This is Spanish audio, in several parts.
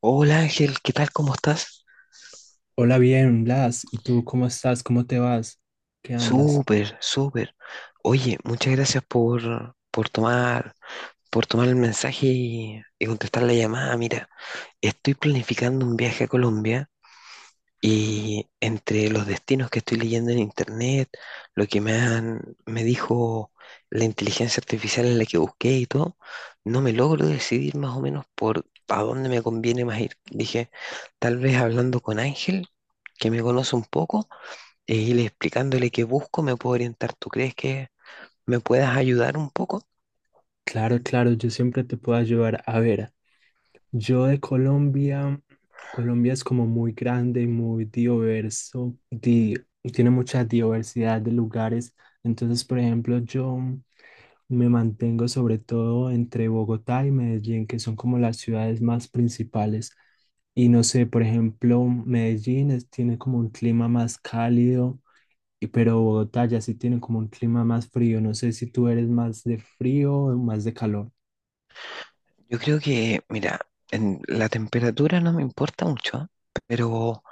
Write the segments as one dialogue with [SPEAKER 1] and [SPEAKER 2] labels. [SPEAKER 1] Hola Ángel, ¿qué tal? ¿Cómo estás?
[SPEAKER 2] Hola, bien, Blas. ¿Y tú cómo estás? ¿Cómo te vas? ¿Qué andas?
[SPEAKER 1] Súper, súper. Oye, muchas gracias por tomar el mensaje y contestar la llamada. Mira, estoy planificando un viaje a Colombia y entre los destinos que estoy leyendo en internet, lo que me han, me dijo la inteligencia artificial en la que busqué y todo, no me logro decidir más o menos por a dónde me conviene más ir. Dije, tal vez hablando con Ángel, que me conoce un poco e ir explicándole qué busco, me puedo orientar. ¿Tú crees que me puedas ayudar un poco?
[SPEAKER 2] Claro, claro, yo siempre te puedo ayudar. A ver, yo de Colombia, Colombia es como muy grande y muy diverso, tiene mucha diversidad de lugares. Entonces, por ejemplo, yo me mantengo sobre todo entre Bogotá y Medellín, que son como las ciudades más principales. Y no sé, por ejemplo, tiene como un clima más cálido, y pero Bogotá ya sí tiene como un clima más frío. No sé si tú eres más de frío o más de calor.
[SPEAKER 1] Yo creo que, mira, en la temperatura no me importa mucho, ¿ah? Pero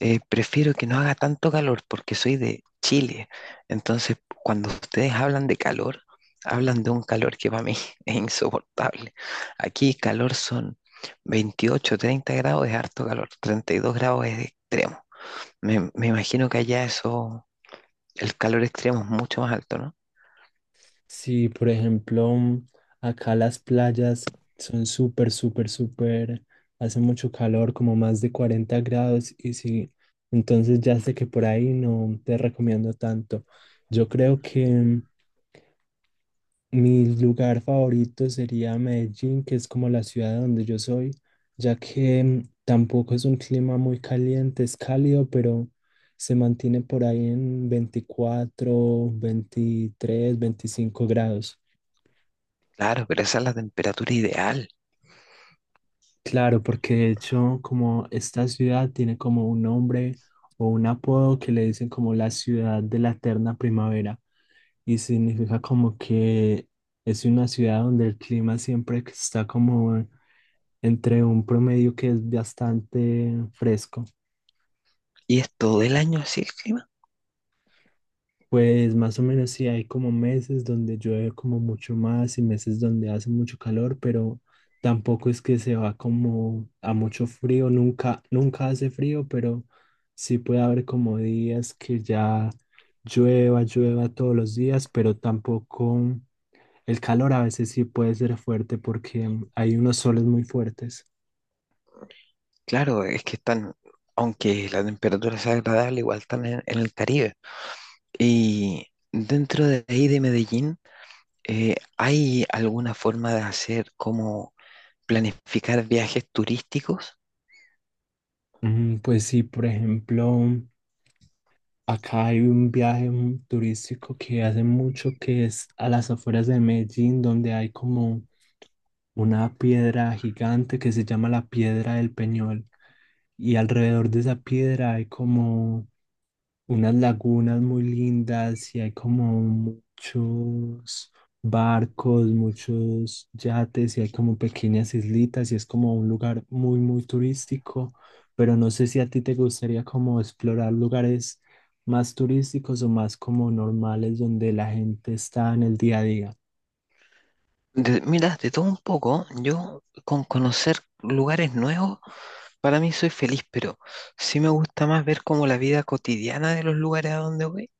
[SPEAKER 1] prefiero que no haga tanto calor porque soy de Chile. Entonces, cuando ustedes hablan de calor, hablan de un calor que para mí es insoportable. Aquí calor son 28, 30 grados es harto calor, 32 grados es extremo. Me imagino que allá eso, el calor extremo es mucho más alto, ¿no?
[SPEAKER 2] Sí, por ejemplo, acá las playas son súper, súper, súper, hace mucho calor, como más de 40 grados y sí, entonces ya sé que por ahí no te recomiendo tanto. Yo creo que mi lugar favorito sería Medellín, que es como la ciudad donde yo soy, ya que tampoco es un clima muy caliente, es cálido, pero se mantiene por ahí en 24, 23, 25 grados.
[SPEAKER 1] Claro, pero esa es la temperatura ideal.
[SPEAKER 2] Claro, porque de hecho como esta ciudad tiene como un nombre o un apodo que le dicen como la ciudad de la eterna primavera y significa como que es una ciudad donde el clima siempre que está como entre un promedio que es bastante fresco.
[SPEAKER 1] ¿Y es todo el año así el clima?
[SPEAKER 2] Pues más o menos sí hay como meses donde llueve como mucho más y meses donde hace mucho calor, pero tampoco es que se va como a mucho frío, nunca, nunca hace frío, pero sí puede haber como días que ya llueva todos los días, pero tampoco el calor a veces sí puede ser fuerte porque hay unos soles muy fuertes.
[SPEAKER 1] Claro, es que están, aunque la temperatura sea agradable, igual están en el Caribe. Y dentro de ahí de Medellín, ¿hay alguna forma de hacer como planificar viajes turísticos?
[SPEAKER 2] Pues sí, por ejemplo. Acá hay un viaje turístico que hace mucho que es a las afueras de Medellín, donde hay como una piedra gigante que se llama la Piedra del Peñol. Y alrededor de esa piedra hay como unas lagunas muy lindas y hay como muchos barcos, muchos yates y hay como pequeñas islitas y es como un lugar muy, muy turístico, pero no sé si a ti te gustaría como explorar lugares más turísticos o más como normales donde la gente está en el día a día.
[SPEAKER 1] Mira, de todo un poco, yo con conocer lugares nuevos, para mí soy feliz, pero sí me gusta más ver como la vida cotidiana de los lugares a donde voy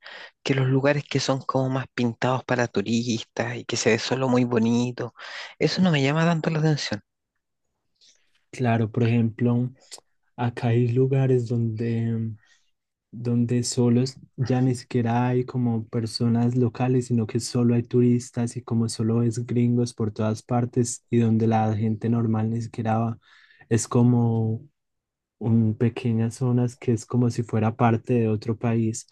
[SPEAKER 1] que los lugares que son como más pintados para turistas y que se ve solo muy bonito, eso no me llama tanto la atención.
[SPEAKER 2] Claro, por ejemplo, acá hay lugares donde ya ni siquiera hay como personas locales, sino que solo hay turistas y como solo es gringos por todas partes y donde la gente normal ni siquiera va. Es como un, pequeñas zonas que es como si fuera parte de otro país.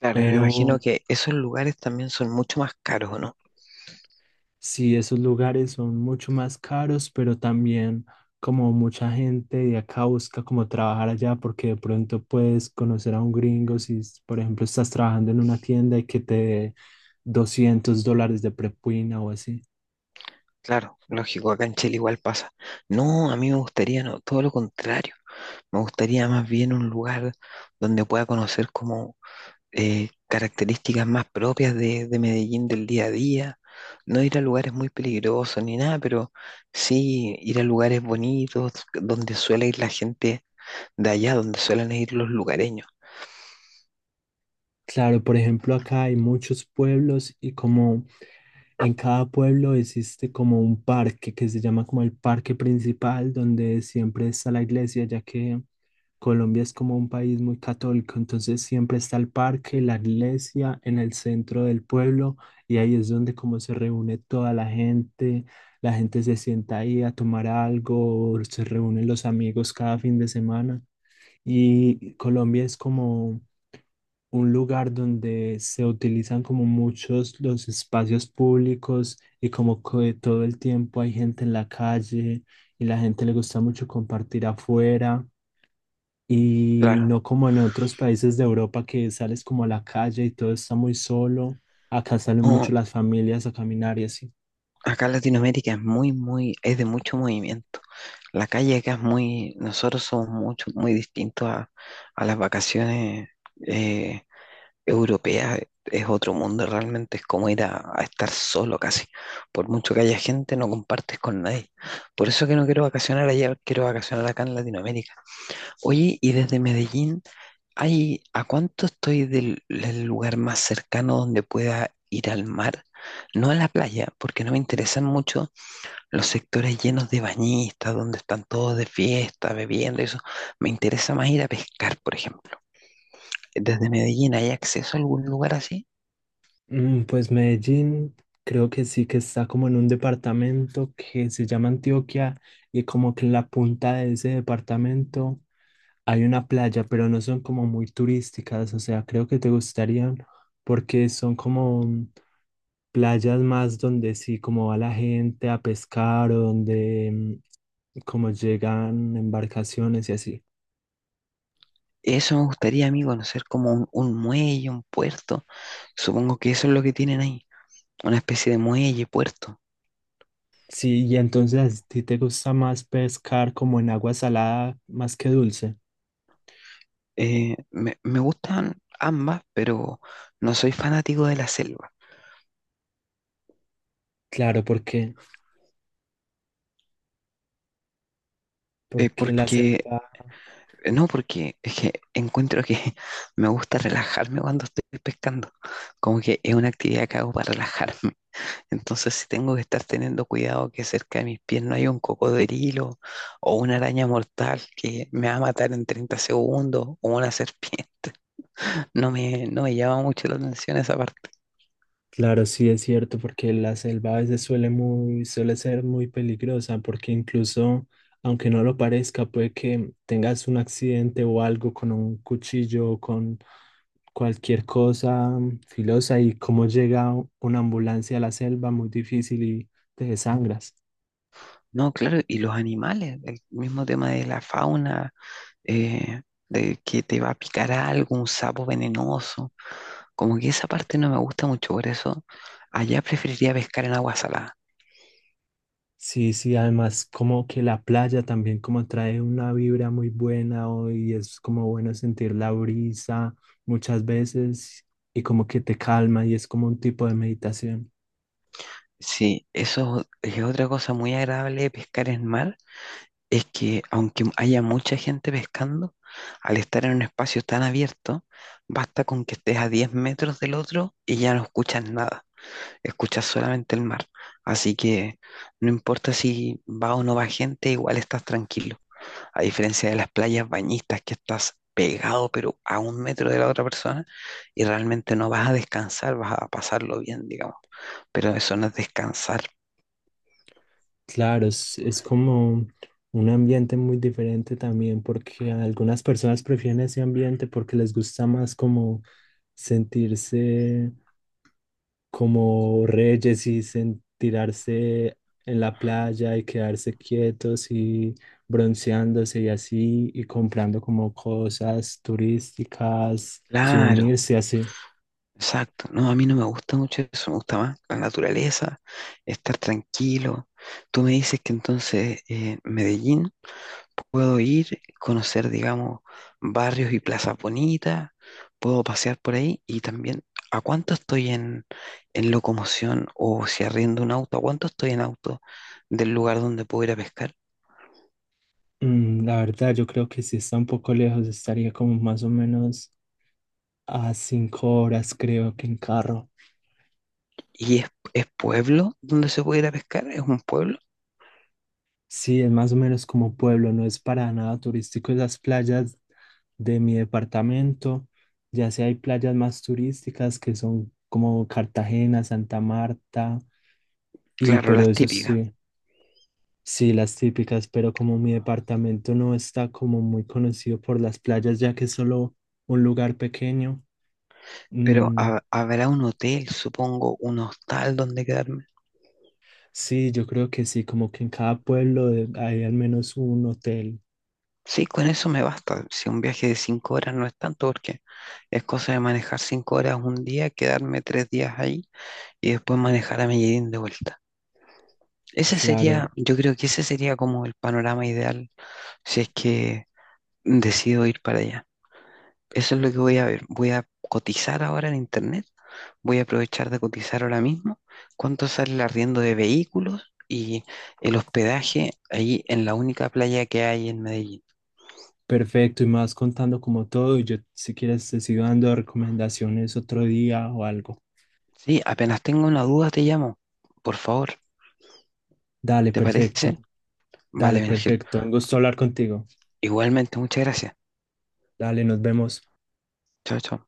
[SPEAKER 1] Claro, y me imagino
[SPEAKER 2] Pero
[SPEAKER 1] que esos lugares también son mucho más caros, ¿o no?
[SPEAKER 2] sí, esos lugares son mucho más caros, pero también como mucha gente de acá busca como trabajar allá porque de pronto puedes conocer a un gringo si, s- por ejemplo, estás trabajando en una tienda y que te dé $200 de propina o así.
[SPEAKER 1] Claro, lógico, acá en Chile igual pasa. No, a mí me gustaría, no, todo lo contrario. Me gustaría más bien un lugar donde pueda conocer como características más propias de Medellín del día a día. No ir a lugares muy peligrosos ni nada, pero sí ir a lugares bonitos donde suele ir la gente de allá donde suelen ir los lugareños.
[SPEAKER 2] Claro, por ejemplo, acá hay muchos pueblos y como en cada pueblo existe como un parque que se llama como el parque principal, donde siempre está la iglesia, ya que Colombia es como un país muy católico, entonces siempre está el parque, la iglesia en el centro del pueblo y ahí es donde como se reúne toda la gente se sienta ahí a tomar algo, se reúnen los amigos cada fin de semana y Colombia es como un lugar donde se utilizan como muchos los espacios públicos y como que todo el tiempo hay gente en la calle y la gente le gusta mucho compartir afuera y
[SPEAKER 1] Claro.
[SPEAKER 2] no como en otros países de Europa que sales como a la calle y todo está muy solo. Acá salen
[SPEAKER 1] No,
[SPEAKER 2] mucho las familias a caminar y así.
[SPEAKER 1] acá en Latinoamérica es muy, muy, es de mucho movimiento. La calle acá es muy, nosotros somos mucho, muy distintos a las vacaciones eh, europeas. Es otro mundo realmente, es como ir a estar solo casi. Por mucho que haya gente, no compartes con nadie. Por eso que no quiero vacacionar allá, quiero vacacionar acá en Latinoamérica. Oye, y desde Medellín, ay, ¿a cuánto estoy del lugar más cercano donde pueda ir al mar? No a la playa, porque no me interesan mucho los sectores llenos de bañistas, donde están todos de fiesta, bebiendo, eso. Me interesa más ir a pescar, por ejemplo. Desde Medellín, ¿hay acceso a algún lugar así?
[SPEAKER 2] Pues Medellín creo que sí que está como en un departamento que se llama Antioquia y como que en la punta de ese departamento hay una playa, pero no son como muy turísticas, o sea, creo que te gustarían porque son como playas más donde sí como va la gente a pescar o donde como llegan embarcaciones y así.
[SPEAKER 1] Eso me gustaría, amigo, conocer como un muelle, un puerto. Supongo que eso es lo que tienen ahí, una especie de muelle, puerto.
[SPEAKER 2] Sí, y entonces a ti te gusta más pescar como en agua salada más que dulce.
[SPEAKER 1] Me gustan ambas, pero no soy fanático de la selva.
[SPEAKER 2] Claro, porque... Porque la
[SPEAKER 1] Porque,
[SPEAKER 2] selva,
[SPEAKER 1] no, porque es que encuentro que me gusta relajarme cuando estoy pescando. Como que es una actividad que hago para relajarme. Entonces, si tengo que estar teniendo cuidado que cerca de mis pies no haya un cocodrilo o una araña mortal que me va a matar en 30 segundos o una serpiente, no me llama mucho la atención esa parte.
[SPEAKER 2] claro, sí es cierto, porque la selva a veces suele ser muy peligrosa, porque incluso, aunque no lo parezca, puede que tengas un accidente o algo con un cuchillo o con cualquier cosa filosa y como llega una ambulancia a la selva, muy difícil y te desangras.
[SPEAKER 1] No, claro, y los animales, el mismo tema de la fauna, eh, de que te va a picar algo, un sapo venenoso. Como que esa parte no me gusta mucho, por eso allá preferiría pescar en agua salada.
[SPEAKER 2] Sí, sí, además como que la playa también como trae una vibra muy buena hoy, es como bueno sentir la brisa muchas veces y como que te calma y es como un tipo de meditación.
[SPEAKER 1] Sí, eso es otra cosa muy agradable de pescar en mar, es que aunque haya mucha gente pescando, al estar en un espacio tan abierto, basta con que estés a 10 metros del otro y ya no escuchas nada, escuchas solamente el mar. Así que no importa si va o no va gente, igual estás tranquilo. A diferencia de las playas bañistas que estás pegado, pero a un metro de la otra persona y realmente no vas a descansar, vas a pasarlo bien, digamos. Pero eso no es descansar.
[SPEAKER 2] Claro, es como un ambiente muy diferente también porque algunas personas prefieren ese ambiente porque les gusta más como sentirse como reyes y tirarse en la playa y quedarse quietos y bronceándose y así y comprando como cosas turísticas,
[SPEAKER 1] Claro,
[SPEAKER 2] souvenirs y así.
[SPEAKER 1] exacto. No, a mí no me gusta mucho eso, me gusta más la naturaleza, estar tranquilo. Tú me dices que entonces Medellín puedo ir, conocer, digamos, barrios y plazas bonitas, puedo pasear por ahí y también, ¿a cuánto estoy en locomoción o si arriendo un auto? ¿A cuánto estoy en auto del lugar donde puedo ir a pescar?
[SPEAKER 2] La verdad, yo creo que sí está un poco lejos, estaría como más o menos a 5 horas, creo que en carro.
[SPEAKER 1] ¿Y es pueblo donde se puede ir a pescar? ¿Es un pueblo?
[SPEAKER 2] Sí, es más o menos como pueblo, no es para nada turístico esas playas de mi departamento. Ya sí hay playas más turísticas que son como Cartagena, Santa Marta, y
[SPEAKER 1] Claro,
[SPEAKER 2] pero
[SPEAKER 1] las
[SPEAKER 2] eso
[SPEAKER 1] típicas.
[SPEAKER 2] sí, sí, las típicas, pero como mi departamento no está como muy conocido por las playas, ya que es solo un lugar pequeño.
[SPEAKER 1] Pero
[SPEAKER 2] mm,
[SPEAKER 1] habrá un hotel, supongo, un hostal donde quedarme.
[SPEAKER 2] sí, yo creo que sí, como que en cada pueblo hay al menos un hotel,
[SPEAKER 1] Sí, con eso me basta. Si un viaje de 5 horas no es tanto, porque es cosa de manejar 5 horas un día, quedarme 3 días ahí y después manejar a Medellín de vuelta. Ese
[SPEAKER 2] claro.
[SPEAKER 1] sería, yo creo que ese sería como el panorama ideal si es que decido ir para allá. Eso es lo que voy a ver. Voy a cotizar ahora en internet. Voy a aprovechar de cotizar ahora mismo cuánto sale el arriendo de vehículos y el hospedaje ahí en la única playa que hay en Medellín.
[SPEAKER 2] Perfecto, y más contando como todo, y yo si quieres te sigo dando recomendaciones otro día o algo.
[SPEAKER 1] Sí, apenas tengo una duda te llamo. Por favor,
[SPEAKER 2] Dale,
[SPEAKER 1] ¿te
[SPEAKER 2] perfecto,
[SPEAKER 1] parece? Vale,
[SPEAKER 2] dale,
[SPEAKER 1] Ángel.
[SPEAKER 2] perfecto. Un gusto hablar contigo.
[SPEAKER 1] Igualmente, muchas gracias.
[SPEAKER 2] Dale, nos vemos.
[SPEAKER 1] Chao, chao.